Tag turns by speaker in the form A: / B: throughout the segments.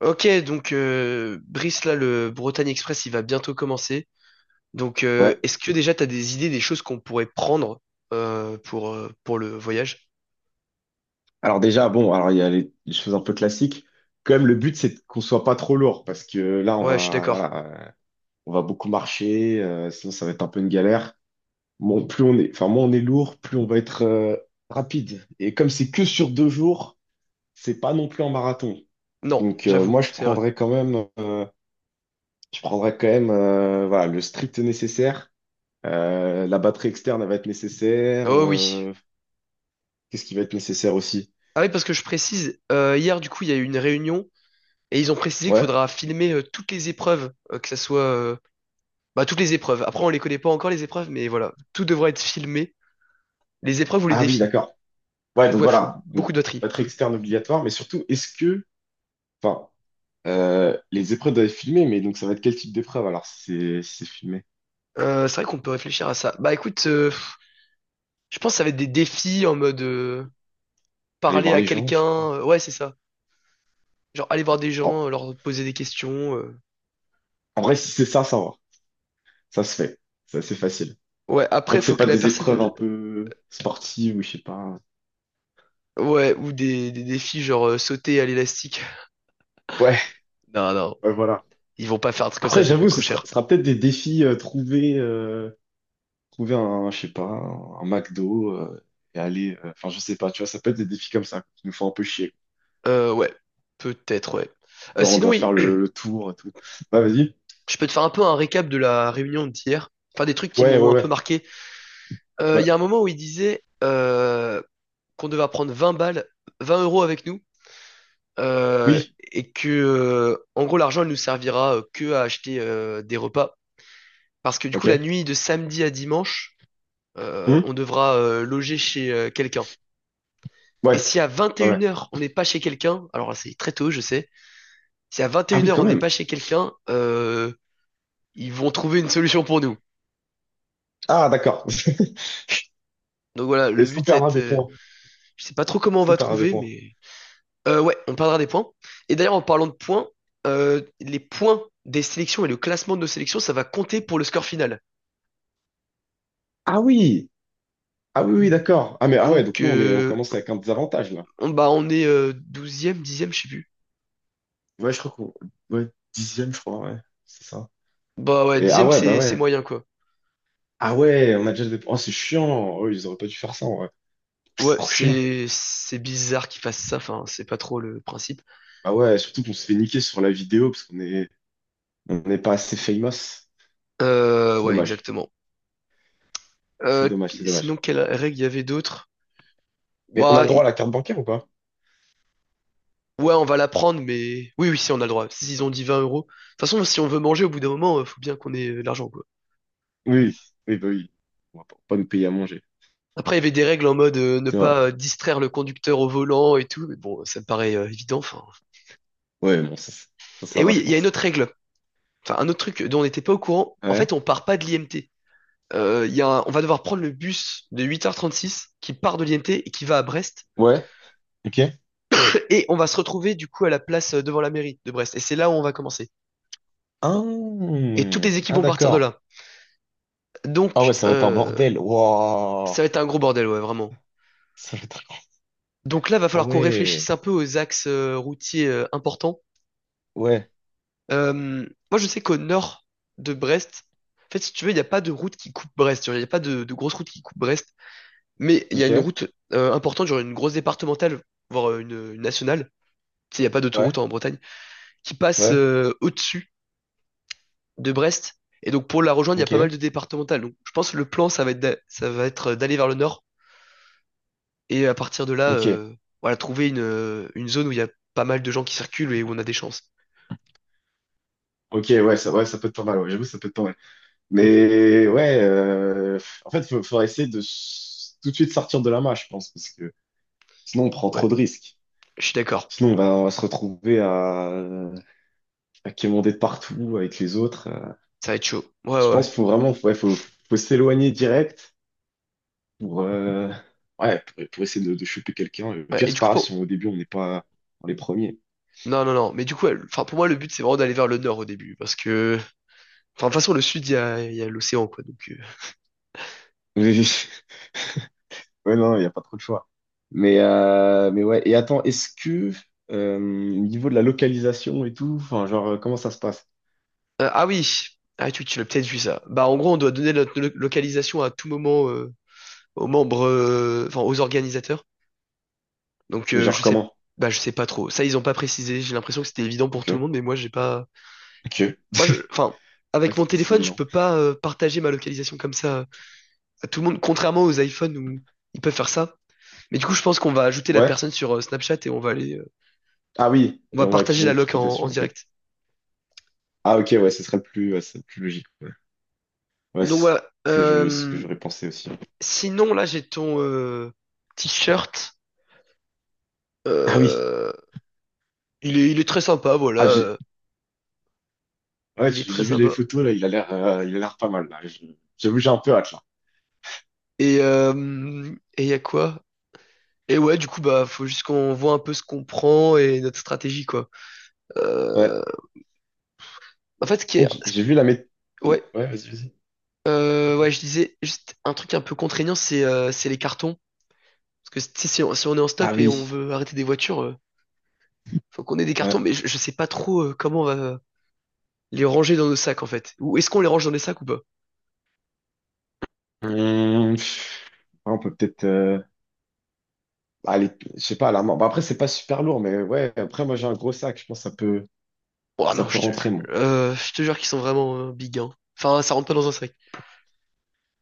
A: Ok, donc Brice, là, le Bretagne Express, il va bientôt commencer. Donc,
B: Ouais.
A: est-ce que déjà tu as des idées des choses qu'on pourrait prendre pour le voyage?
B: Alors déjà, bon, alors il y a les choses un peu classiques. Quand même, le but, c'est qu'on soit pas trop lourd parce que là, on
A: Ouais, je suis
B: va,
A: d'accord.
B: voilà, on va beaucoup marcher, sinon ça va être un peu une galère. Bon, plus on est, enfin, moins on est lourd, plus on va être rapide. Et comme c'est que sur deux jours, c'est pas non plus un marathon.
A: Non,
B: Donc
A: j'avoue,
B: moi, je
A: c'est vrai.
B: prendrais quand même, voilà, le strict nécessaire. La batterie externe, elle va être nécessaire.
A: Oh oui.
B: Qu'est-ce qui va être nécessaire aussi?
A: Ah oui, parce que je précise, hier, du coup, il y a eu une réunion et ils ont précisé qu'il
B: Ouais.
A: faudra filmer toutes les épreuves, bah, toutes les épreuves. Après, on les connaît pas encore, les épreuves, mais voilà, tout devra être filmé, les épreuves ou les
B: Ah oui,
A: défis.
B: d'accord. Ouais,
A: Donc
B: donc
A: ouais, faut
B: voilà, donc,
A: beaucoup de batterie.
B: batterie externe obligatoire, mais surtout, est-ce que, enfin, les épreuves doivent être filmées, mais donc ça va être quel type d'épreuve alors si c'est filmé?
A: C'est vrai qu'on peut réfléchir à ça. Bah écoute... je pense que ça va être des défis en mode
B: Aller
A: parler
B: voir
A: à
B: les gens?
A: quelqu'un. Ouais, c'est ça. Genre aller voir des
B: Oh,
A: gens, leur poser des questions.
B: en vrai, si c'est ça, ça va, ça se fait, c'est assez facile.
A: Ouais,
B: Tant
A: après,
B: que
A: faut
B: c'est
A: que
B: pas
A: la
B: des épreuves
A: personne.
B: un peu sportives ou je sais pas.
A: Ouais, ou des défis genre sauter à l'élastique.
B: Ouais,
A: Non, non.
B: ouais, voilà.
A: Ils vont pas faire un truc comme ça,
B: Après,
A: ça
B: j'avoue,
A: coûte trop
B: ce sera,
A: cher.
B: ce sera peut-être des défis trouver, trouver un, je sais pas, un McDo et aller, enfin, je sais pas, tu vois, ça peut être des défis comme ça qui nous font un peu chier.
A: Ouais. Peut-être, ouais.
B: Genre, on
A: Sinon,
B: doit
A: oui,
B: faire le tour et tout. Bah, vas-y.
A: je peux te faire un peu un récap de la réunion d'hier. Enfin, des trucs qui
B: Ouais, ouais,
A: m'ont un peu
B: ouais,
A: marqué. Il
B: ouais.
A: y a un moment où il disait qu'on devait prendre 20 balles, 20 euros avec nous, euh,
B: Oui,
A: et que en gros l'argent elle nous servira que à acheter des repas parce que du coup la
B: ok.
A: nuit de samedi à dimanche,
B: Hmm,
A: on devra loger chez quelqu'un. Et
B: ouais,
A: si à vingt et
B: ouais, ouais.
A: une heures on n'est pas chez quelqu'un, alors là, c'est très tôt je sais. Si à vingt et
B: Ah
A: une
B: oui,
A: heures
B: quand
A: on n'est
B: même.
A: pas chez quelqu'un, ils vont trouver une solution pour nous.
B: Ah, d'accord.
A: Donc voilà, le
B: Est-ce qu'on
A: but c'est
B: perdra
A: être,
B: des points?
A: je sais pas trop comment on
B: Est-ce qu'on
A: va
B: perdra des
A: trouver,
B: points?
A: mais ouais, on parlera des points. Et d'ailleurs en parlant de points, les points des sélections et le classement de nos sélections ça va compter pour le score final.
B: Ah oui! Ah oui, oui, d'accord. Ah mais ah ouais,
A: Donc,
B: donc nous on commence avec un désavantage là.
A: bah, on est 12e, je sais plus.
B: Ouais, je crois qu'on. Ouais, dixième, je crois, ouais. C'est ça.
A: Bah ouais,
B: Et ah
A: dixième
B: ouais, bah
A: c'est
B: ouais.
A: moyen, quoi.
B: Ah ouais, on a déjà des points. Oh, c'est chiant. Oh, ils auraient pas dû faire ça, ouais. C'est
A: Ouais,
B: trop chiant.
A: c'est bizarre qu'ils fassent ça, enfin, c'est pas trop le principe.
B: Ah ouais, surtout qu'on se fait niquer sur la vidéo parce qu'on est on n'est pas assez famous. C'est
A: Ouais,
B: dommage.
A: exactement.
B: Ah, c'est dommage, c'est
A: Sinon,
B: dommage.
A: quelle règle il y avait d'autres?
B: Mais on a
A: Bah,
B: le droit à
A: i-
B: la carte bancaire ou pas?
A: ouais, on va la prendre, mais... Oui, oui, si, on a le droit. S'ils ont dit 20 euros. De toute façon, si on veut manger, au bout d'un moment, faut bien qu'on ait de l'argent, quoi.
B: Oui, oui, bah oui. On va pas nous payer à manger.
A: Après, il y avait des règles en mode ne
B: C'est vrai.
A: pas distraire le conducteur au volant et tout, mais bon, ça me paraît évident, enfin...
B: Ouais, bon, ça, ça,
A: Et
B: ça va,
A: oui,
B: je
A: il y a une
B: pense.
A: autre règle. Enfin, un autre truc dont on n'était pas au courant, en
B: Ouais.
A: fait, on part pas de l'IMT. Il y a un- On va devoir prendre le bus de 8h36 qui part de l'IMT et qui va à Brest.
B: Ouais. Ok.
A: Et on va se retrouver du coup à la place, devant la mairie de Brest. Et c'est là où on va commencer.
B: Ah,
A: Et toutes les équipes
B: ah,
A: vont partir de
B: d'accord.
A: là.
B: Ah ouais,
A: Donc,
B: ça va être un bordel. Waouh.
A: ça va être un gros bordel, ouais, vraiment.
B: Ça va être...
A: Donc là, va
B: Ah
A: falloir qu'on réfléchisse
B: ouais.
A: un peu aux axes routiers importants.
B: Ouais.
A: Euh, Moi, je sais qu'au nord de Brest, en fait, si tu veux, il n'y a pas de route qui coupe Brest. Il n'y a pas de grosse route qui coupe Brest. Mais il y a une
B: Ok.
A: route importante, genre une grosse départementale, voire une nationale, tu sais, il n'y a pas d'autoroute
B: Ouais.
A: hein, en Bretagne, qui passe
B: Ouais.
A: au-dessus de Brest. Et donc pour la rejoindre, il y a pas mal
B: Ok.
A: de départementales. Donc je pense que le plan, ça va être d'aller vers le nord et à partir de là,
B: Ok.
A: voilà, trouver une zone où il y a pas mal de gens qui circulent et où on a des chances.
B: Ok, ouais, ça peut être pas mal. Ouais, j'avoue, ça peut être pas mal. Mais ouais, en fait, il faudra essayer tout de suite sortir de la main, je pense, parce que sinon, on prend
A: Ouais,
B: trop de risques.
A: je suis d'accord.
B: Sinon, on va se retrouver à qui est monté de partout avec les autres.
A: Ça va être chaud. Ouais,
B: Je
A: ouais,
B: pense
A: ouais.
B: qu'il faut vraiment ouais, faut s'éloigner direct pour, ouais, pour essayer de choper quelqu'un. Le
A: Ouais,
B: pire,
A: et
B: c'est
A: du
B: pas
A: coup,
B: grave si
A: pour...
B: au début on n'est pas dans les premiers.
A: Non, non, non. Mais du coup, enfin, pour moi, le but, c'est vraiment d'aller vers le nord au début. Parce que, enfin, de toute façon, le sud, il y a l'océan, quoi. Donc,
B: Oui, ouais, non, il n'y a pas trop de choix. Mais ouais, et attends, est-ce que au niveau de la localisation et tout, enfin, genre, comment ça se passe?
A: Ah oui, ah, tu l'as peut-être vu ça. Bah, en gros, on doit donner notre localisation à tout moment, aux membres, enfin aux organisateurs. Donc,
B: Mais genre,
A: je sais,
B: comment?
A: bah je sais pas trop. Ça, ils ont pas précisé. J'ai l'impression que c'était évident pour
B: Ok,
A: tout le monde, mais moi j'ai pas.
B: ok, ouais,
A: Moi je, enfin,
B: c'est pas
A: avec mon
B: si
A: téléphone, je
B: évident.
A: peux pas partager ma localisation comme ça à tout le monde, contrairement aux iPhones où ils peuvent faire ça. Mais du coup, je pense qu'on va ajouter la
B: Ouais,
A: personne sur Snapchat et
B: ah oui,
A: on
B: et
A: va
B: on va
A: partager
B: activer
A: la
B: notre
A: loc en
B: localisation, ok.
A: direct.
B: Ah ok, ouais, ce serait le plus, ouais, ce serait le plus logique. Ouais, ouais,
A: Donc
B: c'est
A: voilà.
B: ce que j'aurais pensé aussi.
A: Sinon, là, j'ai ton t-shirt.
B: Ah oui,
A: Euh, il est très sympa, voilà.
B: ah, j'ai ouais,
A: Il est
B: j'ai
A: très
B: j'ai vu les
A: sympa.
B: photos là, il a l'air pas mal là. J'avoue, j'ai un peu hâte là.
A: Et euh, et y a quoi? Et ouais, du coup, bah, faut juste qu'on voit un peu ce qu'on prend et notre stratégie, quoi. Euh,
B: Ouais.
A: En fait, ce qui est,
B: Donc, j'ai vu la méthode.
A: ouais,
B: Ouais, vas-y, vas-y,
A: ouais,
B: vas-y.
A: je disais juste un truc un peu contraignant, c'est les cartons. Parce que tu sais, si on est en
B: Ah
A: stop et on
B: oui,
A: veut arrêter des voitures, faut qu'on ait des
B: ouais.
A: cartons, mais je sais pas trop comment on va les ranger dans nos sacs, en fait. Ou est-ce qu'on les range dans les sacs ou pas?
B: Pff, on peut peut-être aller, je sais pas, à la main. Bah, après, c'est pas super lourd, mais ouais, après, moi, j'ai un gros sac, je pense que ça peut,
A: Oh
B: ça
A: non,
B: peut rentrer, mon.
A: je te jure qu'ils sont vraiment big, hein. Enfin, ça rentre pas dans un sac.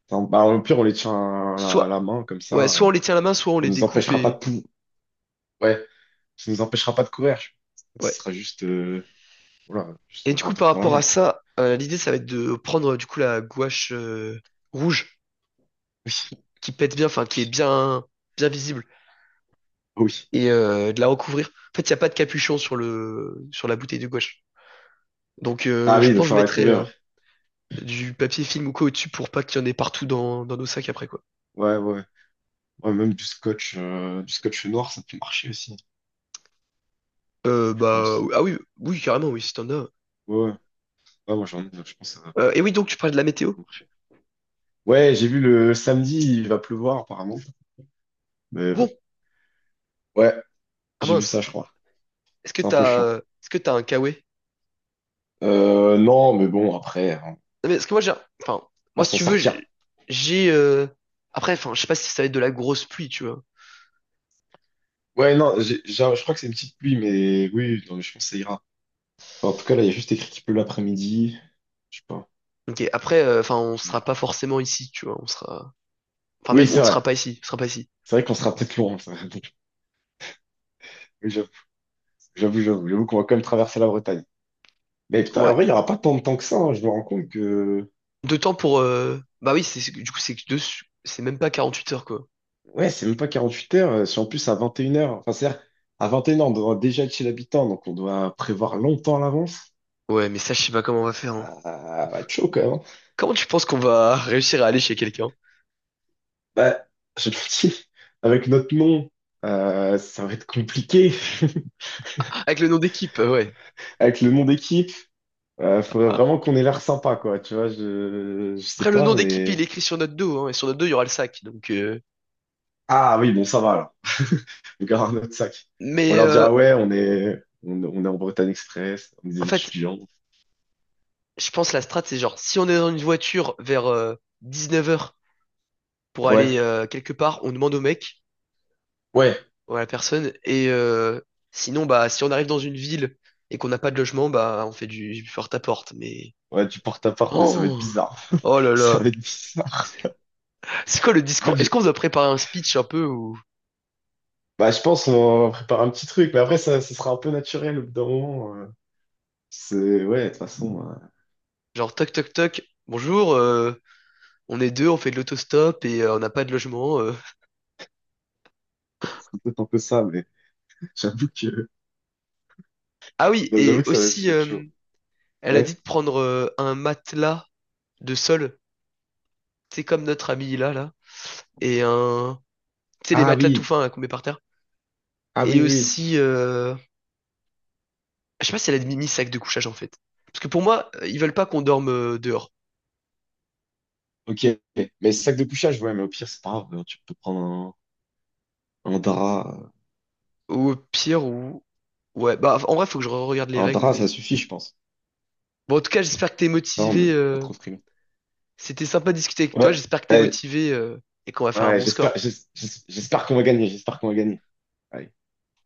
B: Enfin, bah, au pire, on les tient à la
A: Soit,
B: main, comme
A: Ouais,
B: ça,
A: soit on les tient à la main, soit on
B: ça
A: les
B: nous
A: découpe
B: empêchera pas
A: et...
B: ouais, ça nous empêchera pas de courir. Je pense. Ce
A: Ouais.
B: sera juste, voilà, juste
A: Et
B: on
A: du coup, par
B: rentre dans la
A: rapport à
B: main, quoi.
A: ça, l'idée, ça va être de prendre du coup la gouache rouge
B: Oui,
A: qui pète bien, enfin qui est bien, bien visible,
B: oui,
A: et de la recouvrir. En fait, il n'y a pas de capuchon sur la bouteille de gouache. Donc,
B: ah oui,
A: je
B: il nous
A: pense que je
B: faudra
A: mettrai
B: courir.
A: du papier film ou quoi au-dessus pour pas qu'il y en ait partout dans nos sacs après, quoi.
B: Ouais, ouais. Ouais, même du scotch noir, ça peut marcher aussi, je
A: Bah,
B: pense.
A: ah oui, oui, carrément, oui, si t'en as.
B: Ouais, ouais. Ouais, moi, j'en ai, je pense que ça va
A: Et oui, donc tu parlais de la météo?
B: marcher. Ouais, j'ai vu le samedi, il va pleuvoir, apparemment. Mais
A: Ah
B: bon.
A: bon?
B: Ouais,
A: Ah
B: j'ai vu ça,
A: mince.
B: je crois. C'est un peu chiant.
A: Est-ce que t'as un k kawaii?
B: Non, mais bon, après, on
A: Mais parce que moi, j'ai, enfin,
B: va
A: moi, si
B: s'en
A: tu veux,
B: sortir.
A: j'ai, euh, après, enfin, je sais pas si ça va être de la grosse pluie, tu vois.
B: Ouais, non, je crois que c'est une petite pluie, mais oui, non, mais je pense que ça ira. Enfin, en tout cas, là, il y a juste écrit qu'il pleut l'après-midi. Je sais pas.
A: Ok, après, enfin, on
B: Et,
A: sera pas forcément ici, tu vois. Enfin,
B: oui,
A: même, on
B: c'est
A: ne sera
B: vrai.
A: pas ici, on sera pas ici.
B: C'est vrai qu'on sera peut-être loin. Ça. Oui, J'avoue qu'on va quand même traverser la Bretagne. Mais putain, en
A: Ouais.
B: vrai, il n'y aura pas tant de temps que ça, hein. Je me rends compte que.
A: De temps pour, bah oui, du coup, c'est même pas 48 heures, quoi.
B: Ouais, c'est même pas 48 heures. Si en plus à 21 heures. Enfin, c'est-à-dire, à 21h, on doit déjà être chez l'habitant, donc on doit prévoir longtemps à l'avance.
A: Ouais, mais ça, je sais pas comment on va faire, hein.
B: Ah, bah, chaud quand même, hein.
A: Comment tu penses qu'on va réussir à aller chez quelqu'un?
B: Bah, je te le dis, avec notre nom, ça va être compliqué.
A: Avec le nom d'équipe, ouais.
B: Avec le nom d'équipe, faudrait vraiment qu'on ait l'air sympa, quoi. Tu vois, je sais
A: Après, le
B: pas,
A: nom d'équipe, il
B: mais.
A: est écrit sur notre dos, hein, et sur notre dos, il y aura le sac, donc,
B: Ah oui, bon, ça va, là. On gardera notre sac. On
A: mais,
B: leur
A: euh,
B: dira, ouais, on est en Bretagne Express, on est
A: en
B: des
A: fait,
B: étudiants.
A: je pense la strat, c'est genre, si on est dans une voiture vers 19h pour aller
B: Ouais.
A: quelque part, on demande au mec
B: Ouais,
A: ou à la personne. Sinon, bah, si on arrive dans une ville et qu'on n'a pas de logement, bah, on fait du porte-à-porte. Mais.
B: ouais, du porte-à-porte, mais ça va être
A: Oh,
B: bizarre.
A: oh là
B: Ça
A: là.
B: va être bizarre.
A: C'est quoi le
B: En
A: discours?
B: fait,
A: Est-ce qu'on vous a préparé un speech un peu ou
B: bah, je pense qu'on va préparer un petit truc, mais après, ça sera un peu naturel au bout d'un moment. C'est, ouais, de toute façon,
A: genre toc toc toc, bonjour, on est deux, on fait de l'autostop et on n'a pas de logement.
B: c'est peut-être un peu ça, mais j'avoue que,
A: Ah oui,
B: non, j'avoue
A: et
B: que ça va, ça
A: aussi,
B: va être chaud.
A: elle a
B: Ouais.
A: dit de prendre un matelas de sol. C'est comme notre ami là, là. Et un, tu sais, les
B: Ah
A: matelas tout
B: oui,
A: fins là, qu'on met par terre.
B: ah oui,
A: Et
B: oui.
A: aussi, je sais pas si elle a mis sac de couchage en fait. Parce que pour moi, ils veulent pas qu'on dorme dehors.
B: Ok. Mais sac de couchage, ouais, mais au pire, c'est pas grave. Tu peux prendre un drap.
A: Ou au pire, ou. Ouais, bah en vrai, faut que je regarde les
B: Un
A: règles,
B: drap, ça
A: mais.
B: suffit, je pense.
A: Bon, en tout cas, j'espère que t'es
B: Non, mais
A: motivé.
B: pas trop frileux.
A: C'était sympa de discuter avec toi,
B: Ouais,
A: j'espère que t'es
B: ouais,
A: motivé et qu'on va faire un
B: ouais,
A: bon
B: j'espère,
A: score.
B: j'espère qu'on va gagner, j'espère qu'on va gagner. Allez.